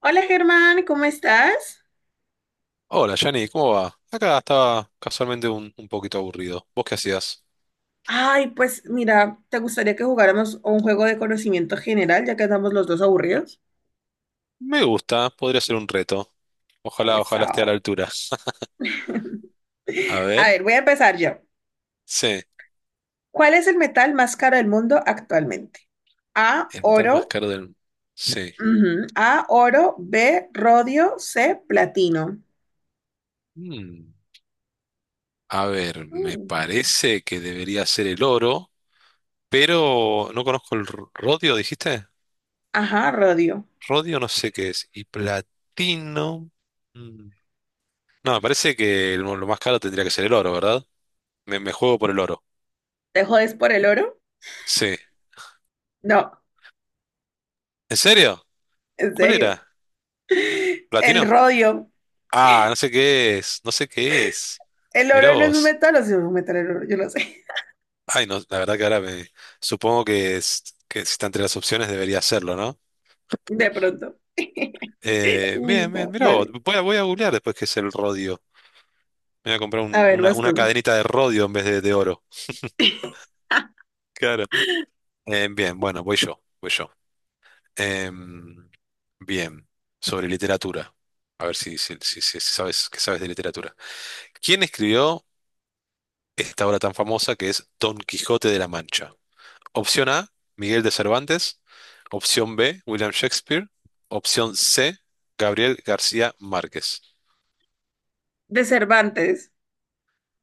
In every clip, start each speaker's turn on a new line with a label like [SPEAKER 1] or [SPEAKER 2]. [SPEAKER 1] Hola, Germán, ¿cómo estás?
[SPEAKER 2] Hola, Yanni, ¿cómo va? Acá estaba casualmente un poquito aburrido. ¿Vos qué hacías?
[SPEAKER 1] Ay, pues mira, ¿te gustaría que jugáramos un juego de conocimiento general, ya que andamos los dos aburridos?
[SPEAKER 2] Me gusta, podría ser un reto. Ojalá esté a la
[SPEAKER 1] Eso.
[SPEAKER 2] altura. A
[SPEAKER 1] A
[SPEAKER 2] ver,
[SPEAKER 1] ver, voy a empezar yo.
[SPEAKER 2] sí,
[SPEAKER 1] ¿Cuál es el metal más caro del mundo actualmente? A,
[SPEAKER 2] el metal más
[SPEAKER 1] oro.
[SPEAKER 2] caro del... Sí.
[SPEAKER 1] Ujú. A, oro. B, rodio. C, platino.
[SPEAKER 2] Mm, A ver, me
[SPEAKER 1] Mm.
[SPEAKER 2] parece que debería ser el oro, pero no conozco el rodio, ¿dijiste?
[SPEAKER 1] Ajá, rodio.
[SPEAKER 2] Rodio no sé qué es. Y platino... mm, no, me parece que el lo más caro tendría que ser el oro, ¿verdad? Me juego por el oro.
[SPEAKER 1] ¿Te jodes por el oro?
[SPEAKER 2] Sí.
[SPEAKER 1] No,
[SPEAKER 2] ¿En serio?
[SPEAKER 1] en
[SPEAKER 2] ¿Cuál
[SPEAKER 1] serio.
[SPEAKER 2] era?
[SPEAKER 1] El
[SPEAKER 2] ¿Platino?
[SPEAKER 1] rodio.
[SPEAKER 2] Ah, no sé qué es, no sé qué es.
[SPEAKER 1] El
[SPEAKER 2] Mirá
[SPEAKER 1] oro no es un
[SPEAKER 2] vos.
[SPEAKER 1] metal, o sí es un metal el oro, yo lo sé.
[SPEAKER 2] Ay, no, la verdad que ahora me supongo que, que si está entre las opciones debería hacerlo, ¿no?
[SPEAKER 1] De pronto.
[SPEAKER 2] Bien, bien,
[SPEAKER 1] Listo,
[SPEAKER 2] mirá vos.
[SPEAKER 1] dale.
[SPEAKER 2] Voy a googlear después qué es el rodio. Me voy a comprar
[SPEAKER 1] A ver, vas
[SPEAKER 2] una
[SPEAKER 1] tú.
[SPEAKER 2] cadenita de rodio en vez de oro. Claro. Bien, bueno, voy yo, voy yo. Em, bien, sobre literatura. A ver si sabes, qué sabes de literatura. ¿Quién escribió esta obra tan famosa que es Don Quijote de la Mancha? Opción A, Miguel de Cervantes. Opción B, William Shakespeare. Opción C, Gabriel García Márquez.
[SPEAKER 1] De Cervantes.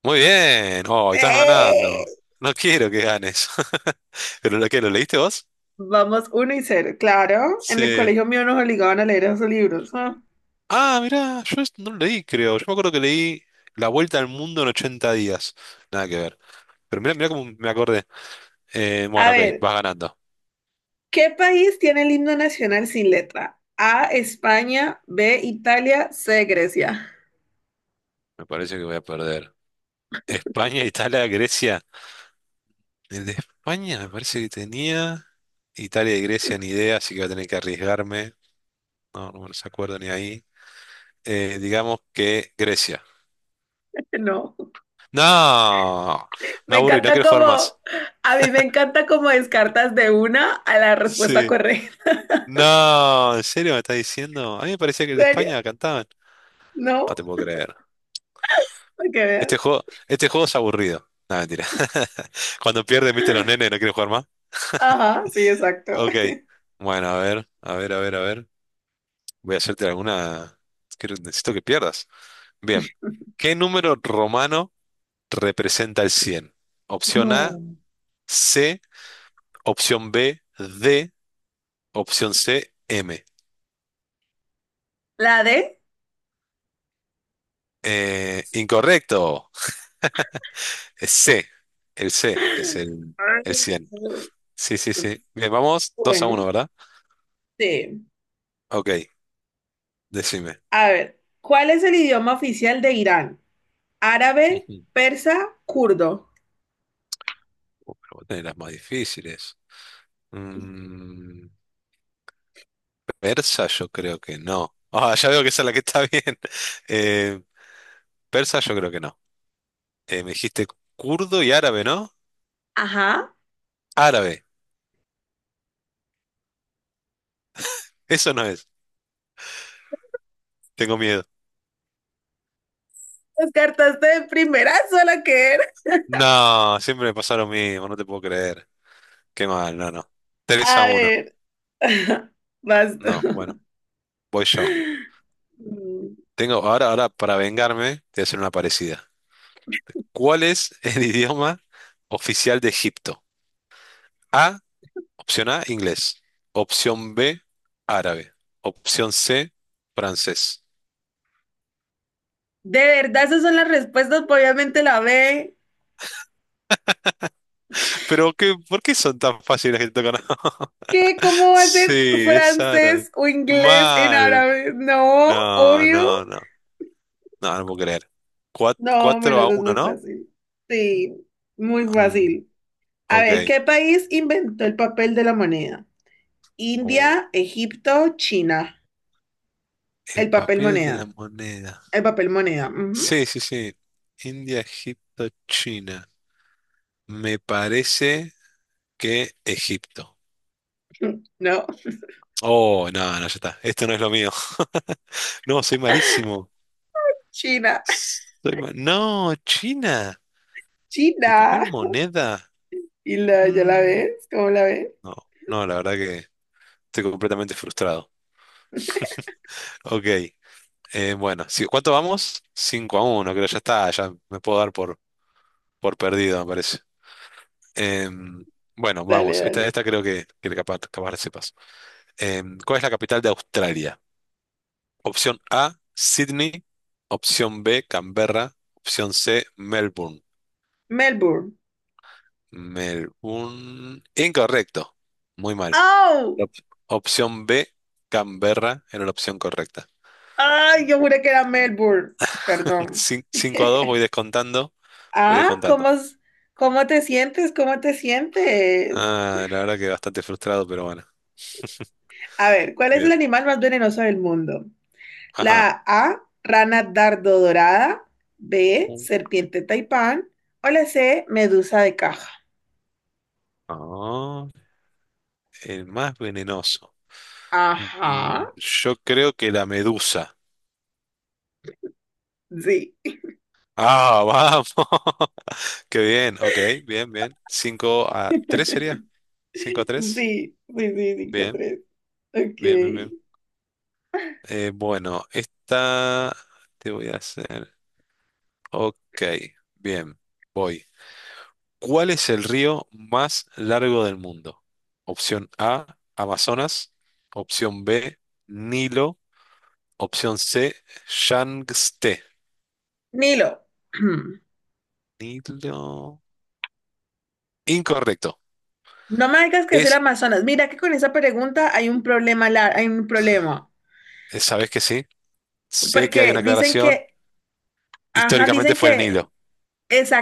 [SPEAKER 2] Muy bien. Oh, estás
[SPEAKER 1] ¡Eh!
[SPEAKER 2] ganando. No quiero que ganes. ¿Pero lo que lo leíste vos?
[SPEAKER 1] Vamos uno y cero. Claro, en el
[SPEAKER 2] Sí.
[SPEAKER 1] colegio mío nos obligaban a leer esos libros. Ah.
[SPEAKER 2] Ah, mirá, yo esto no lo leí, creo. Yo me acuerdo que leí La Vuelta al Mundo en 80 días. Nada que ver. Pero mirá, mirá cómo me acordé.
[SPEAKER 1] A
[SPEAKER 2] Bueno, ok,
[SPEAKER 1] ver,
[SPEAKER 2] vas ganando.
[SPEAKER 1] ¿qué país tiene el himno nacional sin letra? A, España, B, Italia, C, Grecia.
[SPEAKER 2] Me parece que voy a perder. España, Italia, Grecia. El de España me parece que tenía. Italia y Grecia ni idea, así que voy a tener que arriesgarme. No, no me los acuerdo ni ahí. Digamos que Grecia.
[SPEAKER 1] No,
[SPEAKER 2] No, me
[SPEAKER 1] me
[SPEAKER 2] aburrí, no
[SPEAKER 1] encanta
[SPEAKER 2] quiero jugar
[SPEAKER 1] como,
[SPEAKER 2] más.
[SPEAKER 1] a mí me encanta como descartas de una a la respuesta
[SPEAKER 2] Sí.
[SPEAKER 1] correcta.
[SPEAKER 2] No, ¿en serio me estás diciendo? A mí me parecía que el
[SPEAKER 1] ¿En
[SPEAKER 2] de
[SPEAKER 1] serio?
[SPEAKER 2] España cantaban. No
[SPEAKER 1] No,
[SPEAKER 2] te puedo creer.
[SPEAKER 1] para que veas.
[SPEAKER 2] Este juego es aburrido. No, mentira. Cuando pierdes, viste los nenes, no quieren jugar más.
[SPEAKER 1] Ajá, sí, exacto.
[SPEAKER 2] Ok. Bueno, a ver, a ver, a ver, a ver. Voy a hacerte alguna. Quiero- necesito que pierdas. Bien. ¿Qué número romano representa el 100? Opción A,
[SPEAKER 1] No.
[SPEAKER 2] C. Opción B, D. Opción C, M.
[SPEAKER 1] La D.
[SPEAKER 2] Incorrecto. Es C. El C es el 100. Sí, sí, sí. Bien, vamos 2 a uno,
[SPEAKER 1] Bueno,
[SPEAKER 2] ¿verdad?
[SPEAKER 1] sí.
[SPEAKER 2] Ok, decime.
[SPEAKER 1] A ver, ¿cuál es el idioma oficial de Irán? Árabe,
[SPEAKER 2] Ujú.
[SPEAKER 1] persa, kurdo.
[SPEAKER 2] Pero vos tenés las más difíciles. Mm, persa yo creo que no. Ah, ya veo que esa es la que está bien. Eh, persa yo creo que no. Me dijiste kurdo y árabe, ¿no?
[SPEAKER 1] Ajá.
[SPEAKER 2] Árabe. Eso no es. Tengo miedo.
[SPEAKER 1] Descartaste de primera sola que era.
[SPEAKER 2] No, siempre me pasa lo mismo, no te puedo creer. Qué mal, no, no. 3 a
[SPEAKER 1] A
[SPEAKER 2] uno.
[SPEAKER 1] ver, basta.
[SPEAKER 2] No, bueno, voy yo.
[SPEAKER 1] Mm.
[SPEAKER 2] Tengo, ahora, para vengarme, te voy a hacer una parecida. ¿Cuál es el idioma oficial de Egipto? A, opción A, inglés. Opción B, árabe. Opción C, francés.
[SPEAKER 1] De verdad, esas son las respuestas, pues, obviamente la B.
[SPEAKER 2] Pero qué, ¿por qué son tan fáciles que te tocan?
[SPEAKER 1] ¿Qué? ¿Cómo va a
[SPEAKER 2] Sí,
[SPEAKER 1] ser
[SPEAKER 2] es árabe.
[SPEAKER 1] francés o inglés en
[SPEAKER 2] Mal.
[SPEAKER 1] árabe? No,
[SPEAKER 2] No,
[SPEAKER 1] obvio.
[SPEAKER 2] no, no. No, no puedo creer.
[SPEAKER 1] No, me
[SPEAKER 2] ¿Cuatro
[SPEAKER 1] lo
[SPEAKER 2] a
[SPEAKER 1] haces
[SPEAKER 2] uno,
[SPEAKER 1] muy
[SPEAKER 2] no?
[SPEAKER 1] fácil. Sí, muy
[SPEAKER 2] Mm,
[SPEAKER 1] fácil. A
[SPEAKER 2] ok.
[SPEAKER 1] ver, ¿qué país inventó el papel de la moneda?
[SPEAKER 2] Oh,
[SPEAKER 1] India, Egipto, China.
[SPEAKER 2] el
[SPEAKER 1] El papel
[SPEAKER 2] papel de la
[SPEAKER 1] moneda.
[SPEAKER 2] moneda.
[SPEAKER 1] El papel moneda. Ujú.
[SPEAKER 2] Sí, sí, sí. India, Egipto, China. Me parece que Egipto.
[SPEAKER 1] No,
[SPEAKER 2] Oh, no, no, ya está. Esto no es lo mío. No, soy malísimo.
[SPEAKER 1] China.
[SPEAKER 2] No, China. El
[SPEAKER 1] China.
[SPEAKER 2] papel moneda.
[SPEAKER 1] ¿Y la, ya la
[SPEAKER 2] Mm,
[SPEAKER 1] ves? ¿Cómo la ves?
[SPEAKER 2] no, no, la verdad que estoy completamente frustrado. Ok. Bueno, sí, ¿cuánto vamos? 5 a uno, creo, ya está, ya me puedo dar por perdido, me parece. Em, bueno,
[SPEAKER 1] Dale,
[SPEAKER 2] vamos, esta,
[SPEAKER 1] dale.
[SPEAKER 2] esta creo que capaz la sepas. ¿Cuál es la capital de Australia? Opción A, Sydney. Opción B, Canberra. Opción C, Melbourne.
[SPEAKER 1] Melbourne.
[SPEAKER 2] Melbourne. Incorrecto, muy mal.
[SPEAKER 1] ¡Oh!
[SPEAKER 2] Op- Opción B, Canberra, era la opción correcta.
[SPEAKER 1] ¡Ay! Yo juré que era Melbourne. Perdón.
[SPEAKER 2] 5 a 2, voy descontando, voy
[SPEAKER 1] Ah,
[SPEAKER 2] descontando.
[SPEAKER 1] ¿cómo te sientes? ¿Cómo te sientes?
[SPEAKER 2] Ah, la verdad que bastante frustrado, pero bueno.
[SPEAKER 1] A ver, ¿cuál es el
[SPEAKER 2] Bien.
[SPEAKER 1] animal más venenoso del mundo?
[SPEAKER 2] Ajá.
[SPEAKER 1] La A, rana dardo dorada, B,
[SPEAKER 2] Uh,
[SPEAKER 1] serpiente taipán o la C, medusa de caja.
[SPEAKER 2] ah, el más venenoso.
[SPEAKER 1] Ajá,
[SPEAKER 2] Mm, yo creo que la medusa.
[SPEAKER 1] sí.
[SPEAKER 2] Ah, vamos. Qué bien. Ok, bien, bien. Cinco a 3 sería. Cinco a
[SPEAKER 1] Sí,
[SPEAKER 2] tres.
[SPEAKER 1] sí, sí,
[SPEAKER 2] Bien,
[SPEAKER 1] 5-3. Ok.
[SPEAKER 2] bien, bien, bien. Bueno, esta te voy a hacer. Ok, bien. Voy. ¿Cuál es el río más largo del mundo? Opción A, Amazonas. Opción B, Nilo. Opción C, Yangtze.
[SPEAKER 1] Nilo,
[SPEAKER 2] Nilo. Incorrecto.
[SPEAKER 1] no me digas que es el
[SPEAKER 2] Es,
[SPEAKER 1] Amazonas. Mira que con esa pregunta hay un problema, hay un problema.
[SPEAKER 2] ¿Sabes que sí? Sé que hay
[SPEAKER 1] Porque
[SPEAKER 2] una
[SPEAKER 1] dicen
[SPEAKER 2] aclaración.
[SPEAKER 1] que, ajá,
[SPEAKER 2] Históricamente
[SPEAKER 1] dicen
[SPEAKER 2] fue el
[SPEAKER 1] que
[SPEAKER 2] Nilo.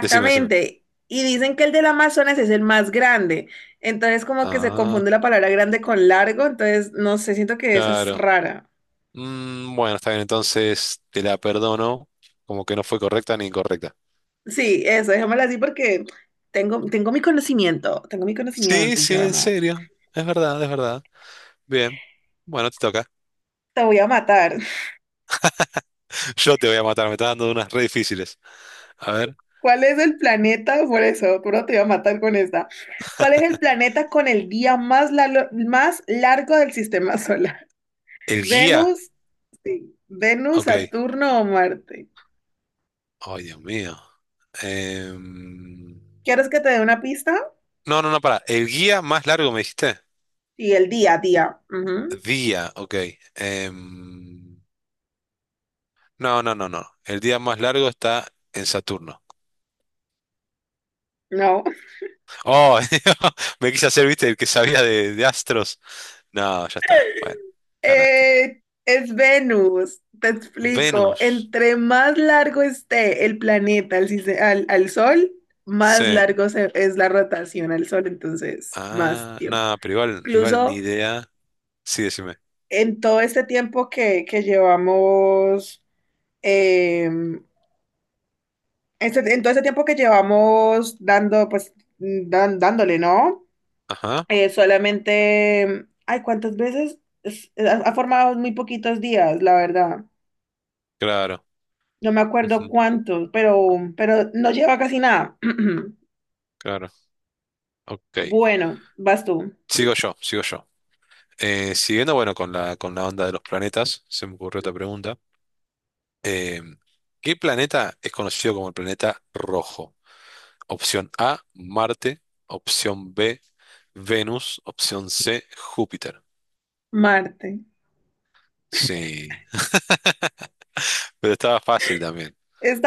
[SPEAKER 2] Decime, decime.
[SPEAKER 1] Y dicen que el del Amazonas es el más grande. Entonces como que se
[SPEAKER 2] Ah,
[SPEAKER 1] confunde la palabra grande con largo. Entonces no sé, siento que esa es
[SPEAKER 2] claro.
[SPEAKER 1] rara.
[SPEAKER 2] Bueno, está bien, entonces te la perdono. Como que no fue correcta ni incorrecta.
[SPEAKER 1] Sí, eso, déjamela así porque tengo mi conocimiento, tengo mi
[SPEAKER 2] Sí,
[SPEAKER 1] conocimiento,
[SPEAKER 2] sí, en
[SPEAKER 1] Jorma.
[SPEAKER 2] serio. Es verdad, es verdad. Bien. Bueno, te toca.
[SPEAKER 1] Te voy a matar.
[SPEAKER 2] Yo te voy a matar, me está dando unas re difíciles. A ver.
[SPEAKER 1] ¿Cuál es el planeta? Por eso, pero te voy a matar con esta. ¿Cuál es el planeta con el día más, lalo- más largo del sistema solar?
[SPEAKER 2] ¿El guía?
[SPEAKER 1] ¿Venus? Sí. ¿Venus,
[SPEAKER 2] Ok.
[SPEAKER 1] Saturno o Marte?
[SPEAKER 2] Ay, Dios mío. Em,
[SPEAKER 1] ¿Quieres que te dé una pista?
[SPEAKER 2] No, no, no, para. ¿El guía más largo me dijiste?
[SPEAKER 1] Sí, el día a día. Ujú.
[SPEAKER 2] Día, ok. Em, no, no, no, no. El día más largo está en Saturno.
[SPEAKER 1] No.
[SPEAKER 2] Oh, me quise hacer, viste, el que sabía de astros. No, ya está. Bueno, ganaste.
[SPEAKER 1] Es Venus, te explico.
[SPEAKER 2] Venus.
[SPEAKER 1] Entre más largo esté el planeta al, sise- al- al- Sol,
[SPEAKER 2] Sí.
[SPEAKER 1] es la rotación al Sol, entonces más
[SPEAKER 2] Ah,
[SPEAKER 1] tiempo.
[SPEAKER 2] no, pero igual, igual ni
[SPEAKER 1] Incluso
[SPEAKER 2] idea. Sí, decime.
[SPEAKER 1] en todo este tiempo que llevamos, eh, en todo este tiempo que llevamos dando, pues, dándole, ¿no?
[SPEAKER 2] Ajá,
[SPEAKER 1] Solamente, ay, ¿cuántas veces? Ha formado muy poquitos días, la verdad.
[SPEAKER 2] claro.
[SPEAKER 1] No me acuerdo
[SPEAKER 2] Ujú,
[SPEAKER 1] cuántos, pero no lleva casi nada.
[SPEAKER 2] claro. Ok.
[SPEAKER 1] Bueno, vas tú.
[SPEAKER 2] Sigo yo, sigo yo. Siguiendo, bueno, con la onda de los planetas, se me ocurrió otra pregunta. Eh, ¿Qué planeta es conocido como el planeta rojo? Opción A, Marte. Opción B, Venus. Opción C, Júpiter.
[SPEAKER 1] Marte.
[SPEAKER 2] Sí, pero estaba fácil también.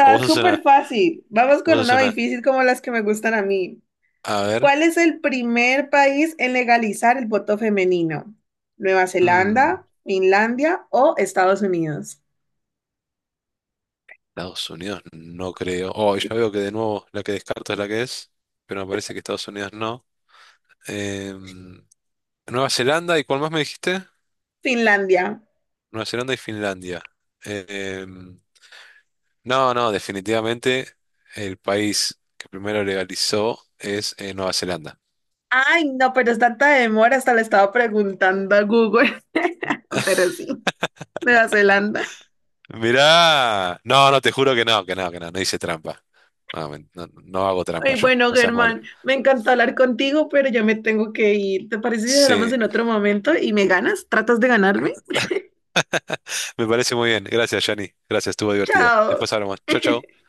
[SPEAKER 2] O
[SPEAKER 1] súper fácil. Vamos
[SPEAKER 2] vos
[SPEAKER 1] con
[SPEAKER 2] sos
[SPEAKER 1] una
[SPEAKER 2] una,
[SPEAKER 1] difícil como las que me gustan a mí.
[SPEAKER 2] a ver,
[SPEAKER 1] ¿Cuál es el primer país en legalizar el voto femenino? ¿Nueva
[SPEAKER 2] mm,
[SPEAKER 1] Zelanda, Finlandia o Estados Unidos?
[SPEAKER 2] Estados Unidos no creo. Oh, ya veo que de nuevo la que descarto es la que es, pero me parece que Estados Unidos no. Em, Nueva Zelanda, ¿y cuál más me dijiste?
[SPEAKER 1] Finlandia.
[SPEAKER 2] Nueva Zelanda y Finlandia. Em, No, no, definitivamente el país que primero legalizó es Nueva Zelanda.
[SPEAKER 1] Ay, no, pero es tanta demora, hasta le estaba preguntando a Google, pero sí, Nueva Zelanda.
[SPEAKER 2] Mirá, no, no, te juro que no, que no, que no, no hice trampa. No, no hago trampa
[SPEAKER 1] Ay,
[SPEAKER 2] yo,
[SPEAKER 1] bueno,
[SPEAKER 2] no seas malo.
[SPEAKER 1] Germán, me encantó hablar contigo, pero ya me tengo que ir. ¿Te parece si hablamos
[SPEAKER 2] Sí,
[SPEAKER 1] en otro momento y me ganas? ¿Tratas de ganarme?
[SPEAKER 2] me parece muy bien. Gracias, Yanni. Gracias, estuvo divertido.
[SPEAKER 1] Chao.
[SPEAKER 2] Después hablamos. Chau, chau.